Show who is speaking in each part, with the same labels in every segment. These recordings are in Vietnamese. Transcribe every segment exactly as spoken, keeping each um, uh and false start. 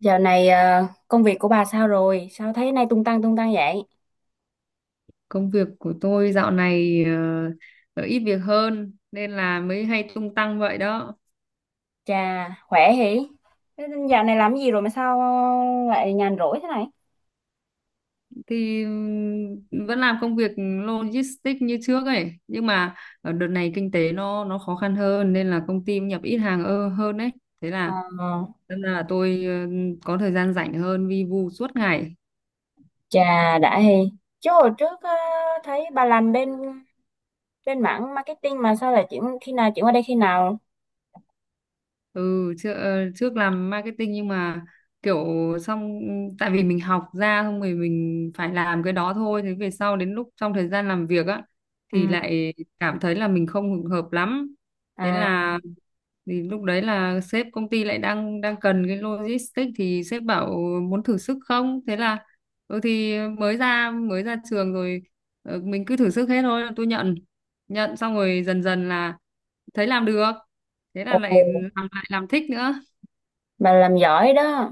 Speaker 1: Dạo này ờ, công việc của bà sao rồi? Sao thấy nay tung tăng tung tăng vậy?
Speaker 2: Công việc của tôi dạo này ờ, ít việc hơn nên là mới hay tung tăng vậy đó.
Speaker 1: Chà, khỏe hỉ? Thế dạo này làm gì rồi mà sao lại nhàn rỗi thế này?
Speaker 2: Thì ừm, vẫn làm công việc logistics như trước ấy, nhưng mà ở đợt này kinh tế nó nó khó khăn hơn nên là công ty nhập ít hàng ơ- hơn đấy. Thế
Speaker 1: Ờ,
Speaker 2: là nên là tôi ờ, có thời gian rảnh hơn, vi vu suốt ngày.
Speaker 1: Chà, đã hỉ. Chứ hồi trước ờ, thấy bà làm bên bên mảng marketing mà sao lại chuyển khi nào chuyển qua đây khi nào?
Speaker 2: Ừ, trước ờ, trước làm marketing nhưng mà kiểu xong, tại vì mình học ra xong rồi mình phải làm cái đó thôi. Thế về sau, đến lúc trong thời gian làm việc á
Speaker 1: Ừ.
Speaker 2: thì lại cảm thấy là mình không hợp lắm. Thế
Speaker 1: À.
Speaker 2: là thì lúc đấy là sếp công ty lại đang đang cần cái logistics, thì sếp bảo muốn thử sức không. Thế là, ừ, thì mới ra mới ra trường rồi, ờ, mình cứ thử sức hết thôi. Tôi nhận nhận xong rồi dần dần là thấy làm được, thế là
Speaker 1: Ồ.
Speaker 2: lại làm, lại làm thích nữa.
Speaker 1: Bà làm giỏi đó.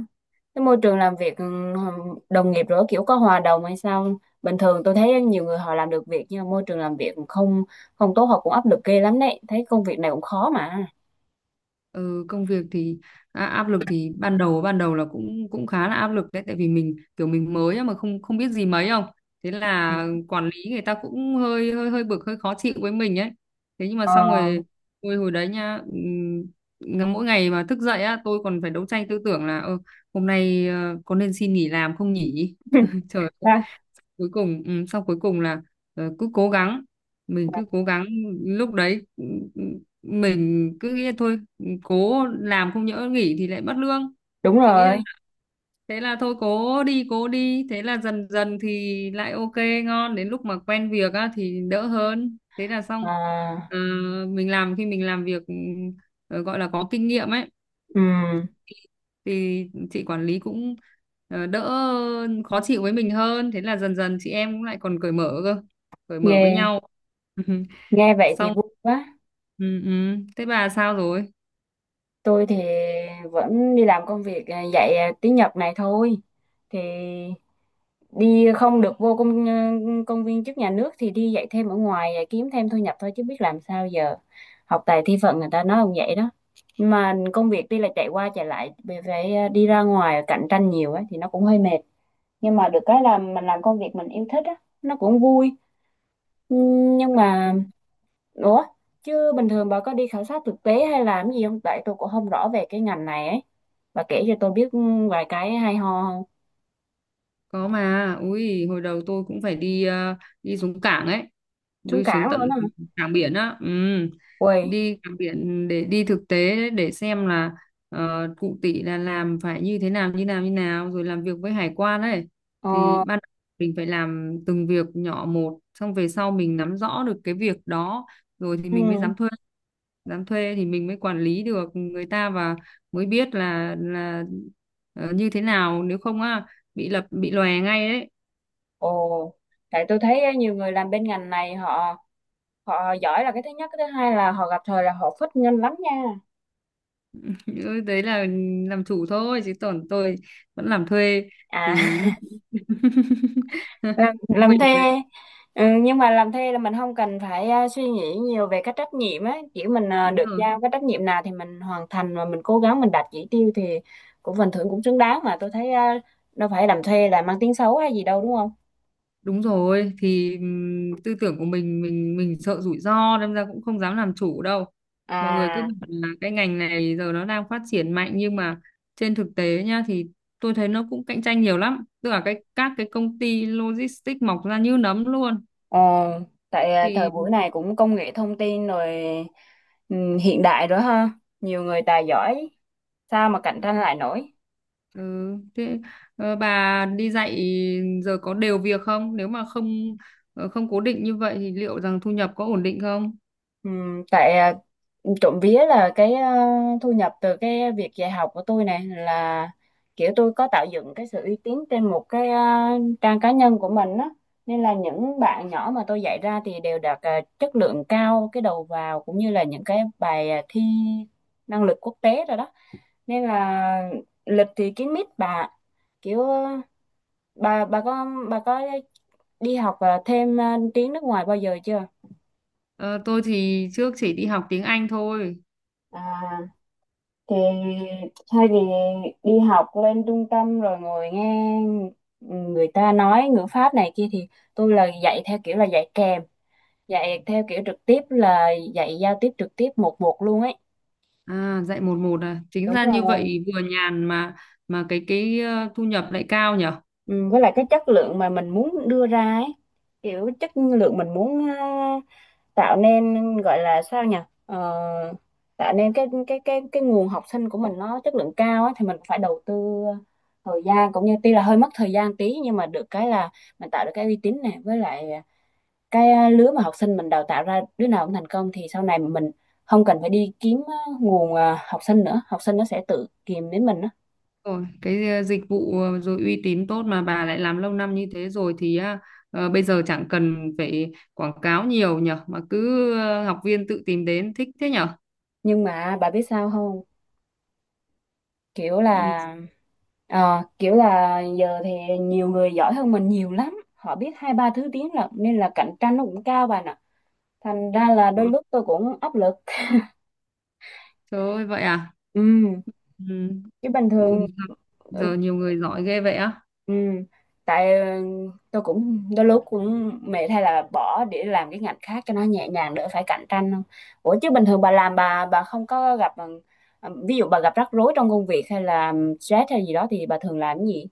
Speaker 1: Cái môi trường làm việc, ừm, đồng nghiệp rồi kiểu có hòa đồng hay sao? Bình thường tôi thấy nhiều người họ làm được việc nhưng mà môi trường làm việc không không tốt, họ cũng áp lực ghê lắm đấy, thấy công việc này cũng khó mà.
Speaker 2: Ừ, công việc thì à, áp lực thì ban đầu ban đầu là cũng cũng khá là áp lực đấy. Tại vì mình kiểu mình mới á mà không không biết gì mấy, không? Thế
Speaker 1: Ừ.
Speaker 2: là quản lý người ta cũng hơi hơi hơi bực, hơi khó chịu với mình ấy. Thế nhưng mà
Speaker 1: ờ,
Speaker 2: xong rồi, hồi hồi đấy nha, ừm, ngà- mỗi ngày mà thức dậy á, tôi còn phải đấu tranh tư tưởng là "Ơ, hôm nay ờ, có nên xin nghỉ làm không nhỉ?" Trời.
Speaker 1: ra-
Speaker 2: Cuối cùng, ừ, sau cuối cùng là ờ, cứ cố gắng, mình cứ cố gắng. Lúc đấy, ừ, ừ, mình cứ nghĩ là thôi, ừ, cố làm, không nhỡ nghỉ thì lại mất lương.
Speaker 1: Đúng
Speaker 2: Thì nghĩ là,
Speaker 1: rồi.
Speaker 2: thế là thôi cố đi cố đi, thế là dần dần thì lại ok, ngon. Đến lúc mà quen việc á thì đỡ hơn, thế là xong.
Speaker 1: à,
Speaker 2: Ờ, mình làm khi mình làm việc, ừ, ờ, gọi là có kinh nghiệm ấy,
Speaker 1: ừm,
Speaker 2: thì chị quản lý cũng ờ, đỡ khó chịu với mình hơn. Thế là dần dần chị em cũng lại còn cởi mở cơ, cởi mở với
Speaker 1: nghe
Speaker 2: nhau.
Speaker 1: nghe vậy thì
Speaker 2: Xong,
Speaker 1: vui quá.
Speaker 2: ừ, ừ. Thế bà sao rồi?
Speaker 1: Tôi thì vẫn đi làm công việc, à, dạy à, tiếng Nhật này thôi, thì đi không được vô công ờ, công viên chức nhà nước thì đi dạy thêm ở ngoài, à, kiếm thêm thu nhập thôi chứ biết làm sao giờ. Học tài thi phận người ta nói không vậy đó. Nhưng mà công việc đi là chạy qua chạy lại, về phải, à, đi ra ngoài cạnh tranh nhiều ấy thì nó cũng hơi mệt. Nhưng mà được cái là mình làm công việc mình yêu thích á, nó cũng vui. Ừm, nhưng mà
Speaker 2: Ừ.
Speaker 1: ủa, chứ bình thường bà có đi khảo sát thực tế hay làm gì không? Tại tôi cũng không rõ về cái ngành này ấy, bà kể cho tôi biết ừ, vài cái hay ho không?
Speaker 2: Có mà, ui, hồi đầu tôi cũng phải đi ờ, đi xuống cảng ấy,
Speaker 1: Trúng
Speaker 2: đi xuống
Speaker 1: cảng luôn á
Speaker 2: tận
Speaker 1: hả?
Speaker 2: cảng biển á, ừ.
Speaker 1: Ui.
Speaker 2: Đi cảng biển để đi thực tế đấy, để xem là ờ, cụ tỷ là làm phải như thế nào, như nào như nào, rồi làm việc với hải quan ấy. Thì
Speaker 1: ờ,
Speaker 2: ban đầu mình phải làm từng việc nhỏ một, xong về sau mình nắm rõ được cái việc đó rồi thì mình mới
Speaker 1: ừ.
Speaker 2: dám thuê. Dám thuê thì mình mới quản lý được người ta và mới biết là là ờ, như thế nào. Nếu không á bị lập bị lòe ngay đấy.
Speaker 1: Ồ, tại tôi thấy á, nhiều người làm bên ngành này họ, họ giỏi là cái thứ nhất, cái thứ hai là họ gặp thời là họ phất nhanh lắm nha.
Speaker 2: Ừ, đấy là làm chủ thôi, chứ còn tôi vẫn làm thuê
Speaker 1: À.
Speaker 2: thì nó
Speaker 1: làm làm
Speaker 2: mình
Speaker 1: thuê.
Speaker 2: đấy.
Speaker 1: Ừ, nhưng mà làm thuê là mình không cần phải, à, suy nghĩ nhiều về cái trách nhiệm á, chỉ mình, à,
Speaker 2: Đúng
Speaker 1: được
Speaker 2: rồi,
Speaker 1: giao cái trách nhiệm nào thì mình hoàn thành và mình cố gắng mình đạt chỉ tiêu thì cũng phần thưởng cũng xứng đáng, mà tôi thấy à, đâu phải làm thuê là mang tiếng xấu hay gì đâu đúng không?
Speaker 2: đúng rồi, thì ừm, tư tưởng của mình mình mình sợ rủi ro nên ra cũng không dám làm chủ đâu. Mọi người cứ
Speaker 1: À.
Speaker 2: bảo là cái ngành này giờ nó đang phát triển mạnh, nhưng mà trên thực tế nha, thì tôi thấy nó cũng cạnh tranh nhiều lắm, tức là cái các cái công ty logistics mọc ra như nấm luôn.
Speaker 1: Ồ, tại à, thời
Speaker 2: Thì
Speaker 1: buổi này cũng công nghệ thông tin rồi, ừ, hiện đại rồi ha, nhiều người tài giỏi sao mà cạnh tranh lại nổi.
Speaker 2: ừ, thế ờ, bà đi dạy giờ có đều việc không? Nếu mà không ờ, không cố định như vậy thì liệu rằng thu nhập có ổn định không?
Speaker 1: Ừ, tại à, trộm vía là cái, à, thu nhập từ cái việc dạy học của tôi này là kiểu tôi có tạo dựng cái sự uy tín trên một cái, à, trang cá nhân của mình á, nên là những bạn nhỏ mà tôi dạy ra thì đều đạt à, chất lượng cao, cái đầu vào cũng như là những cái bài à, thi năng lực quốc tế rồi đó, nên là lịch thì kín mít bà. Kiểu ờ, bà bà có bà có đi học ờ, thêm ờ, tiếng nước ngoài bao giờ chưa?
Speaker 2: Ờ, tôi thì trước chỉ đi học tiếng Anh thôi.
Speaker 1: À, thì thay vì đi học lên trung tâm rồi ngồi nghe người ta nói ngữ pháp này kia thì tôi là dạy theo kiểu là dạy kèm, dạy theo kiểu trực tiếp là dạy giao tiếp trực tiếp một một luôn ấy.
Speaker 2: À, dạy một một à. Chính
Speaker 1: Đúng
Speaker 2: ra như
Speaker 1: rồi.
Speaker 2: vậy vừa nhàn, mà mà cái cái ờ, thu nhập lại cao nhở?
Speaker 1: Ừ, với lại cái chất lượng mà mình muốn đưa ra ấy, kiểu chất lượng mình muốn, ờ, tạo nên gọi là sao nhỉ. Ờ, Tạo nên cái cái cái cái nguồn học sinh của mình nó chất lượng cao ấy, thì mình phải đầu tư thời gian, cũng như tuy là hơi mất thời gian tí nhưng mà được cái là mình tạo được cái uy tín này, với lại cái lứa mà học sinh mình đào tạo ra đứa nào cũng thành công thì sau này mình không cần phải đi kiếm ờ, nguồn ờ, học sinh nữa, học sinh nó sẽ tự tìm đến mình đó.
Speaker 2: Rồi, cái ờ, dịch vụ ờ, rồi uy tín tốt, mà bà lại làm lâu năm như thế rồi thì à, ờ, bây giờ chẳng cần phải quảng cáo nhiều nhở, mà cứ ờ, học viên tự tìm đến, thích thế nhở?
Speaker 1: Nhưng mà bà biết sao không, kiểu là, Ờ, kiểu là giờ thì nhiều người giỏi hơn mình nhiều lắm, họ biết hai ba thứ tiếng là nên là cạnh tranh nó cũng cao bạn ạ, thành ra là đôi
Speaker 2: Ừ,
Speaker 1: lúc tôi cũng áp lực.
Speaker 2: trời ơi, vậy à?
Speaker 1: Ừ.
Speaker 2: Ừ.
Speaker 1: Chứ bình thường.
Speaker 2: Ui,
Speaker 1: Ừ.
Speaker 2: giờ nhiều người giỏi ghê vậy á.
Speaker 1: Ừ. Tại ừ, tôi cũng đôi lúc cũng mệt hay là bỏ để làm cái ngành khác cho nó nhẹ nhàng đỡ phải cạnh tranh không? Ủa chứ bình thường bà làm bà bà không có gặp, ừ, ví dụ bà gặp rắc rối trong công việc hay là stress hay gì đó thì bà thường làm cái gì?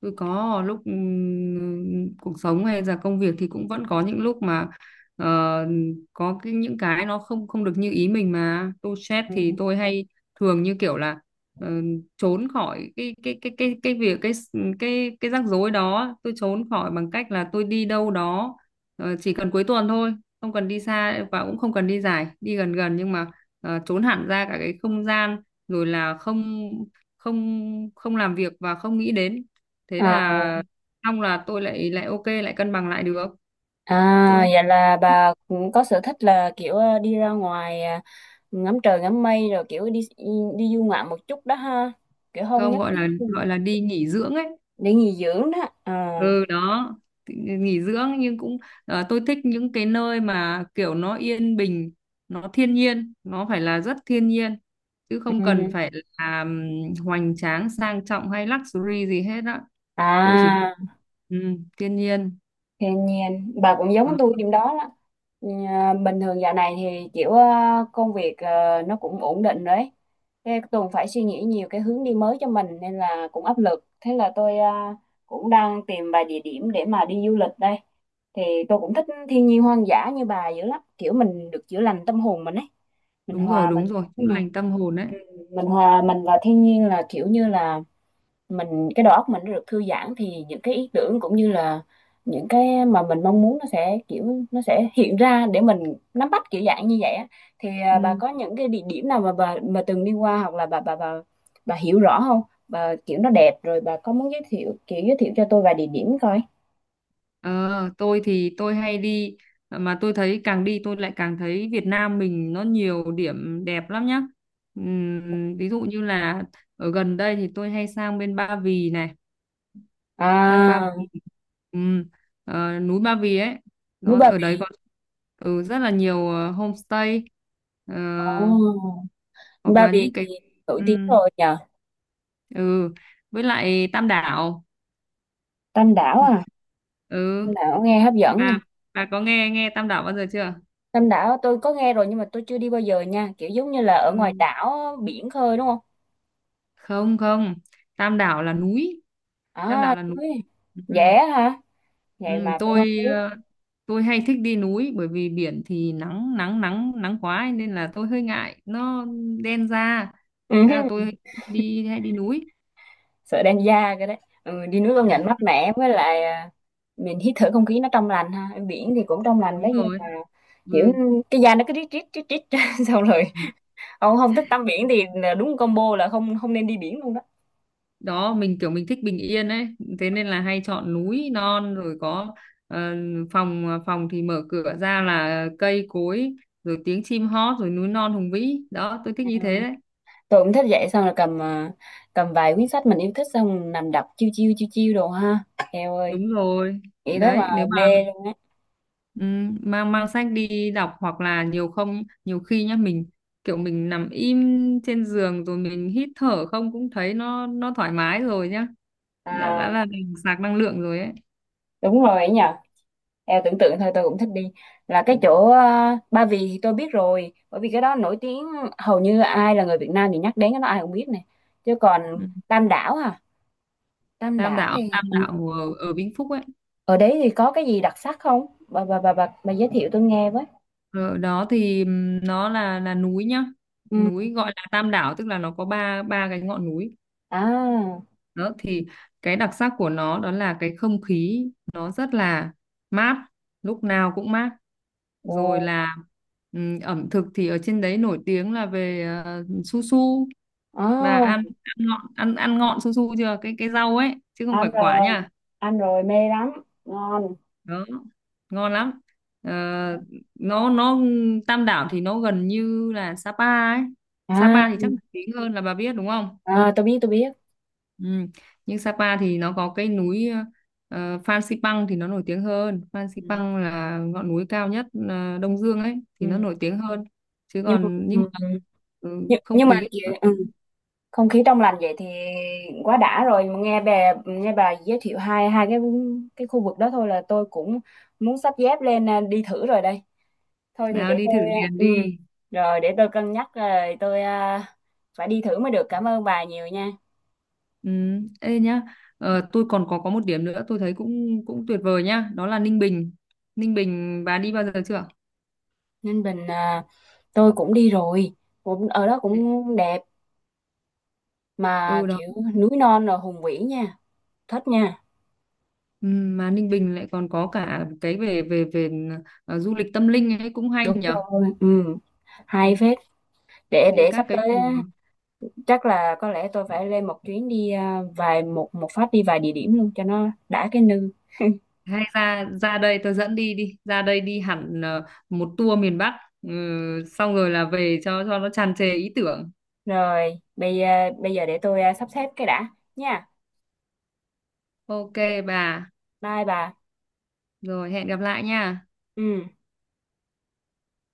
Speaker 2: Tôi có lúc ừm, cuộc sống hay là công việc thì cũng vẫn có những lúc mà ờ, có cái, những cái nó không không được như ý mình mà tôi stress,
Speaker 1: Ừ.
Speaker 2: thì tôi hay thường như kiểu là ờ, trốn khỏi cái cái cái cái cái việc, cái cái cái rắc rối đó. Tôi trốn khỏi bằng cách là tôi đi đâu đó, ờ, chỉ cần cuối tuần thôi, không cần đi xa và cũng không cần đi dài, đi gần gần nhưng mà ờ, trốn hẳn ra cả cái không gian, rồi là không không không làm việc và không nghĩ đến. Thế
Speaker 1: À.
Speaker 2: là xong, là tôi lại lại ok, lại cân bằng lại được.
Speaker 1: À,
Speaker 2: Tôi
Speaker 1: vậy là bà cũng có sở thích là kiểu ờ, đi ra ngoài ờ, ngắm trời ngắm mây rồi kiểu đi, đi du ngoạn một chút đó ha. Kiểu không
Speaker 2: không
Speaker 1: nhất
Speaker 2: gọi
Speaker 1: thiết
Speaker 2: là gọi là đi nghỉ dưỡng ấy.
Speaker 1: để nghỉ dưỡng đó. À.
Speaker 2: Ừ đó. Thì nghỉ dưỡng nhưng cũng ờ, tôi thích những cái nơi mà kiểu nó yên bình, nó thiên nhiên, nó phải là rất thiên nhiên, chứ không cần
Speaker 1: Ừ.
Speaker 2: phải là ừm, hoành tráng, sang trọng hay luxury gì hết á. Tôi chỉ,
Speaker 1: À.
Speaker 2: ừ, thiên nhiên.
Speaker 1: Thiên nhiên, bà cũng giống
Speaker 2: Đó.
Speaker 1: tôi điểm đó đó. Ừ, bình thường dạo này thì kiểu ờ, công việc ờ, nó cũng ổn định rồi ấy. Thế Tùng phải suy nghĩ nhiều cái hướng đi mới cho mình nên là cũng áp lực. Thế là tôi ờ, cũng đang tìm vài địa điểm để mà đi du lịch đây. Thì tôi cũng thích thiên nhiên hoang dã như bà dữ lắm. Kiểu mình được chữa lành tâm hồn mình ấy. Mình
Speaker 2: Đúng rồi,
Speaker 1: hòa
Speaker 2: đúng
Speaker 1: mình,
Speaker 2: rồi, chữa
Speaker 1: đúng rồi.
Speaker 2: lành tâm hồn đấy,
Speaker 1: Mình hòa mình vào thiên nhiên là kiểu như là mình, cái đầu óc mình nó được thư giãn thì những cái ý tưởng cũng như là những cái mà mình mong muốn nó sẽ, kiểu nó sẽ hiện ra để mình nắm bắt kiểu dạng như vậy á. Thì à, bà
Speaker 2: ừ.
Speaker 1: có những cái địa điểm nào mà bà mà từng đi qua hoặc là bà bà bà bà hiểu rõ không, bà kiểu nó đẹp rồi bà có muốn giới thiệu, kiểu giới thiệu cho tôi vài địa điểm coi.
Speaker 2: Ờ, tôi thì tôi hay đi, mà tôi thấy càng đi tôi lại càng thấy Việt Nam mình nó nhiều điểm đẹp lắm nhá. Ừm, ví dụ như là ở gần đây thì tôi hay sang bên Ba Vì này, sang Ba
Speaker 1: À,
Speaker 2: Vì, ừm, ờ, núi Ba Vì ấy,
Speaker 1: núi
Speaker 2: nó
Speaker 1: Ba
Speaker 2: ở đấy
Speaker 1: Vì.
Speaker 2: có, ừ, rất là nhiều ờ, homestay, ờ,
Speaker 1: Oh.
Speaker 2: hoặc
Speaker 1: Ba
Speaker 2: là
Speaker 1: Vì
Speaker 2: những
Speaker 1: thì
Speaker 2: cái,
Speaker 1: nổi tiếng
Speaker 2: ừm,
Speaker 1: rồi nhờ.
Speaker 2: ừ, với lại Tam Đảo.
Speaker 1: Tam Đảo à?
Speaker 2: Ừ,
Speaker 1: Tam Đảo nghe hấp dẫn nhờ.
Speaker 2: bà bà có nghe nghe Tam Đảo bao giờ chưa?
Speaker 1: Tam Đảo tôi có nghe rồi nhưng mà tôi chưa đi bao giờ nha, kiểu giống như là ở ngoài
Speaker 2: Ừ.
Speaker 1: đảo biển khơi đúng không?
Speaker 2: Không, không, Tam Đảo là núi. Tam Đảo
Speaker 1: À,
Speaker 2: là núi,
Speaker 1: tôi...
Speaker 2: ừ.
Speaker 1: Dễ hả? Vậy
Speaker 2: Ừ,
Speaker 1: mà tôi không
Speaker 2: tôi
Speaker 1: biết.
Speaker 2: ờ, tôi hay thích đi núi, bởi vì biển thì nắng nắng nắng nắng quá ấy, nên là tôi hơi ngại nó đen da,
Speaker 1: Ừ.
Speaker 2: thế là tôi hay đi hay đi núi.
Speaker 1: Sợ đen da cái đấy. Ừ, đi nước công nhận mát mẻ, với lại à, mình hít thở không khí nó trong lành ha. Ở biển thì cũng trong lành
Speaker 2: Đúng
Speaker 1: đấy nhưng
Speaker 2: rồi,
Speaker 1: mà kiểu
Speaker 2: ừ.
Speaker 1: cái da nó cứ rít rít rít rít xong rồi ông không thích tắm biển thì là đúng combo, là không không nên đi biển luôn đó.
Speaker 2: Đó, mình kiểu mình thích bình yên ấy, thế nên là hay chọn núi non rồi, có ờ, phòng ờ, phòng thì mở cửa ra là cây cối, rồi tiếng chim hót, rồi núi non hùng vĩ đó, tôi thích
Speaker 1: Ừ,
Speaker 2: như thế đấy.
Speaker 1: tôi cũng thích vậy, xong rồi cầm, à, cầm vài quyển sách mình yêu thích xong nằm đọc chiêu chiêu chiêu chiêu đồ ha. Eo ơi,
Speaker 2: Đúng rồi
Speaker 1: nghĩ tới mà
Speaker 2: đấy, nếu mà
Speaker 1: mê luôn á.
Speaker 2: ừ, mang mang sách đi đọc, hoặc là nhiều không, nhiều khi nhá, mình kiểu mình nằm im trên giường rồi mình hít thở không, cũng thấy nó nó thoải mái rồi nhá. đã, đã
Speaker 1: À,
Speaker 2: là mình sạc năng lượng rồi ấy,
Speaker 1: đúng rồi ấy nhờ, em tưởng tượng thôi tôi cũng thích đi. Là cái chỗ ờ, Ba Vì thì tôi biết rồi bởi vì cái đó nổi tiếng, hầu như ai là người Việt Nam thì nhắc đến cái đó ai cũng biết nè, chứ còn
Speaker 2: ừ.
Speaker 1: Tam Đảo à, Tam
Speaker 2: Tam
Speaker 1: Đảo
Speaker 2: đảo
Speaker 1: thì
Speaker 2: Tam
Speaker 1: ừ.
Speaker 2: đảo ở, ở Vĩnh Phúc ấy.
Speaker 1: Ở đấy thì có cái gì đặc sắc không bà bà bà bà, bà, giới thiệu tôi nghe với.
Speaker 2: Ở đó thì ừm, nó là là núi nhá.
Speaker 1: Ừ.
Speaker 2: Núi gọi là Tam đảo tức là nó có ba ba cái ngọn núi.
Speaker 1: À.
Speaker 2: Đó thì cái đặc sắc của nó đó là cái không khí, nó rất là mát, lúc nào cũng mát.
Speaker 1: Ồ.
Speaker 2: Rồi là, ừm, ẩm thực thì ở trên đấy nổi tiếng là về, ờ, su su. Bà
Speaker 1: À,
Speaker 2: ăn ăn ngọn ăn ăn ngọn su su chưa? Cái cái rau ấy chứ không phải
Speaker 1: ăn
Speaker 2: quả
Speaker 1: rồi,
Speaker 2: nha.
Speaker 1: ăn rồi mê lắm, ngon.
Speaker 2: Đó, ngon lắm. Ờ, nó nó Tam Đảo thì nó gần như là Sapa ấy.
Speaker 1: À,
Speaker 2: Sapa thì chắc nổi tiếng hơn, là bà biết đúng không?
Speaker 1: à tôi biết tôi biết.
Speaker 2: Ừ. Nhưng Sapa thì nó có cái núi, uh, Phan Xipang thì nó nổi tiếng hơn. Phan
Speaker 1: Ừ.
Speaker 2: Xipang là ngọn núi cao nhất, ờ, Đông Dương ấy, thì nó
Speaker 1: Ừ.
Speaker 2: nổi tiếng hơn. Chứ
Speaker 1: Nhưng
Speaker 2: còn nhưng
Speaker 1: ừ.
Speaker 2: mà,
Speaker 1: Ừ.
Speaker 2: ừ,
Speaker 1: nhưng
Speaker 2: không
Speaker 1: nhưng mà
Speaker 2: khí,
Speaker 1: kìa,
Speaker 2: ừ,
Speaker 1: ừ, không khí trong lành vậy thì quá đã rồi, nghe bà nghe bà giới thiệu hai hai cái cái khu vực đó thôi là tôi cũng muốn xách dép lên, à, đi thử rồi đây. Thôi thì
Speaker 2: nào
Speaker 1: để
Speaker 2: đi thử
Speaker 1: tôi, à,
Speaker 2: liền
Speaker 1: ừ,
Speaker 2: đi.
Speaker 1: rồi để tôi cân nhắc rồi tôi, à, phải đi thử mới được. Cảm ơn bà nhiều nha.
Speaker 2: Ừ, ê nhá, ờ, tôi còn có có một điểm nữa, tôi thấy cũng cũng tuyệt vời nhá, đó là Ninh Bình. Ninh Bình bà đi bao giờ chưa?
Speaker 1: Ninh Bình à, tôi cũng đi rồi, cũng ở đó cũng đẹp, mà
Speaker 2: Ừ đó.
Speaker 1: kiểu núi non rồi hùng vĩ nha, thích nha.
Speaker 2: Ừ, mà Ninh Bình lại còn có cả cái về về về ờ, du lịch tâm linh ấy, cũng hay
Speaker 1: Đúng
Speaker 2: nhở.
Speaker 1: rồi, ừ,
Speaker 2: Ừ,
Speaker 1: hay phết. để
Speaker 2: đi
Speaker 1: để
Speaker 2: các
Speaker 1: sắp
Speaker 2: cái
Speaker 1: tới
Speaker 2: chùa.
Speaker 1: chắc là có lẽ tôi phải lên một chuyến đi, à, vài, một một phát đi vài địa điểm luôn cho nó đã cái nư.
Speaker 2: Hay ra ra đây tôi dẫn đi đi, ra đây đi hẳn, ờ, một tour miền Bắc. Ừ, xong rồi là về, cho cho nó tràn trề ý tưởng.
Speaker 1: Rồi bây giờ, bây giờ để tôi, à, sắp xếp cái đã nha.
Speaker 2: Ok bà,
Speaker 1: Bye bà.
Speaker 2: rồi hẹn gặp lại nha.
Speaker 1: Ừ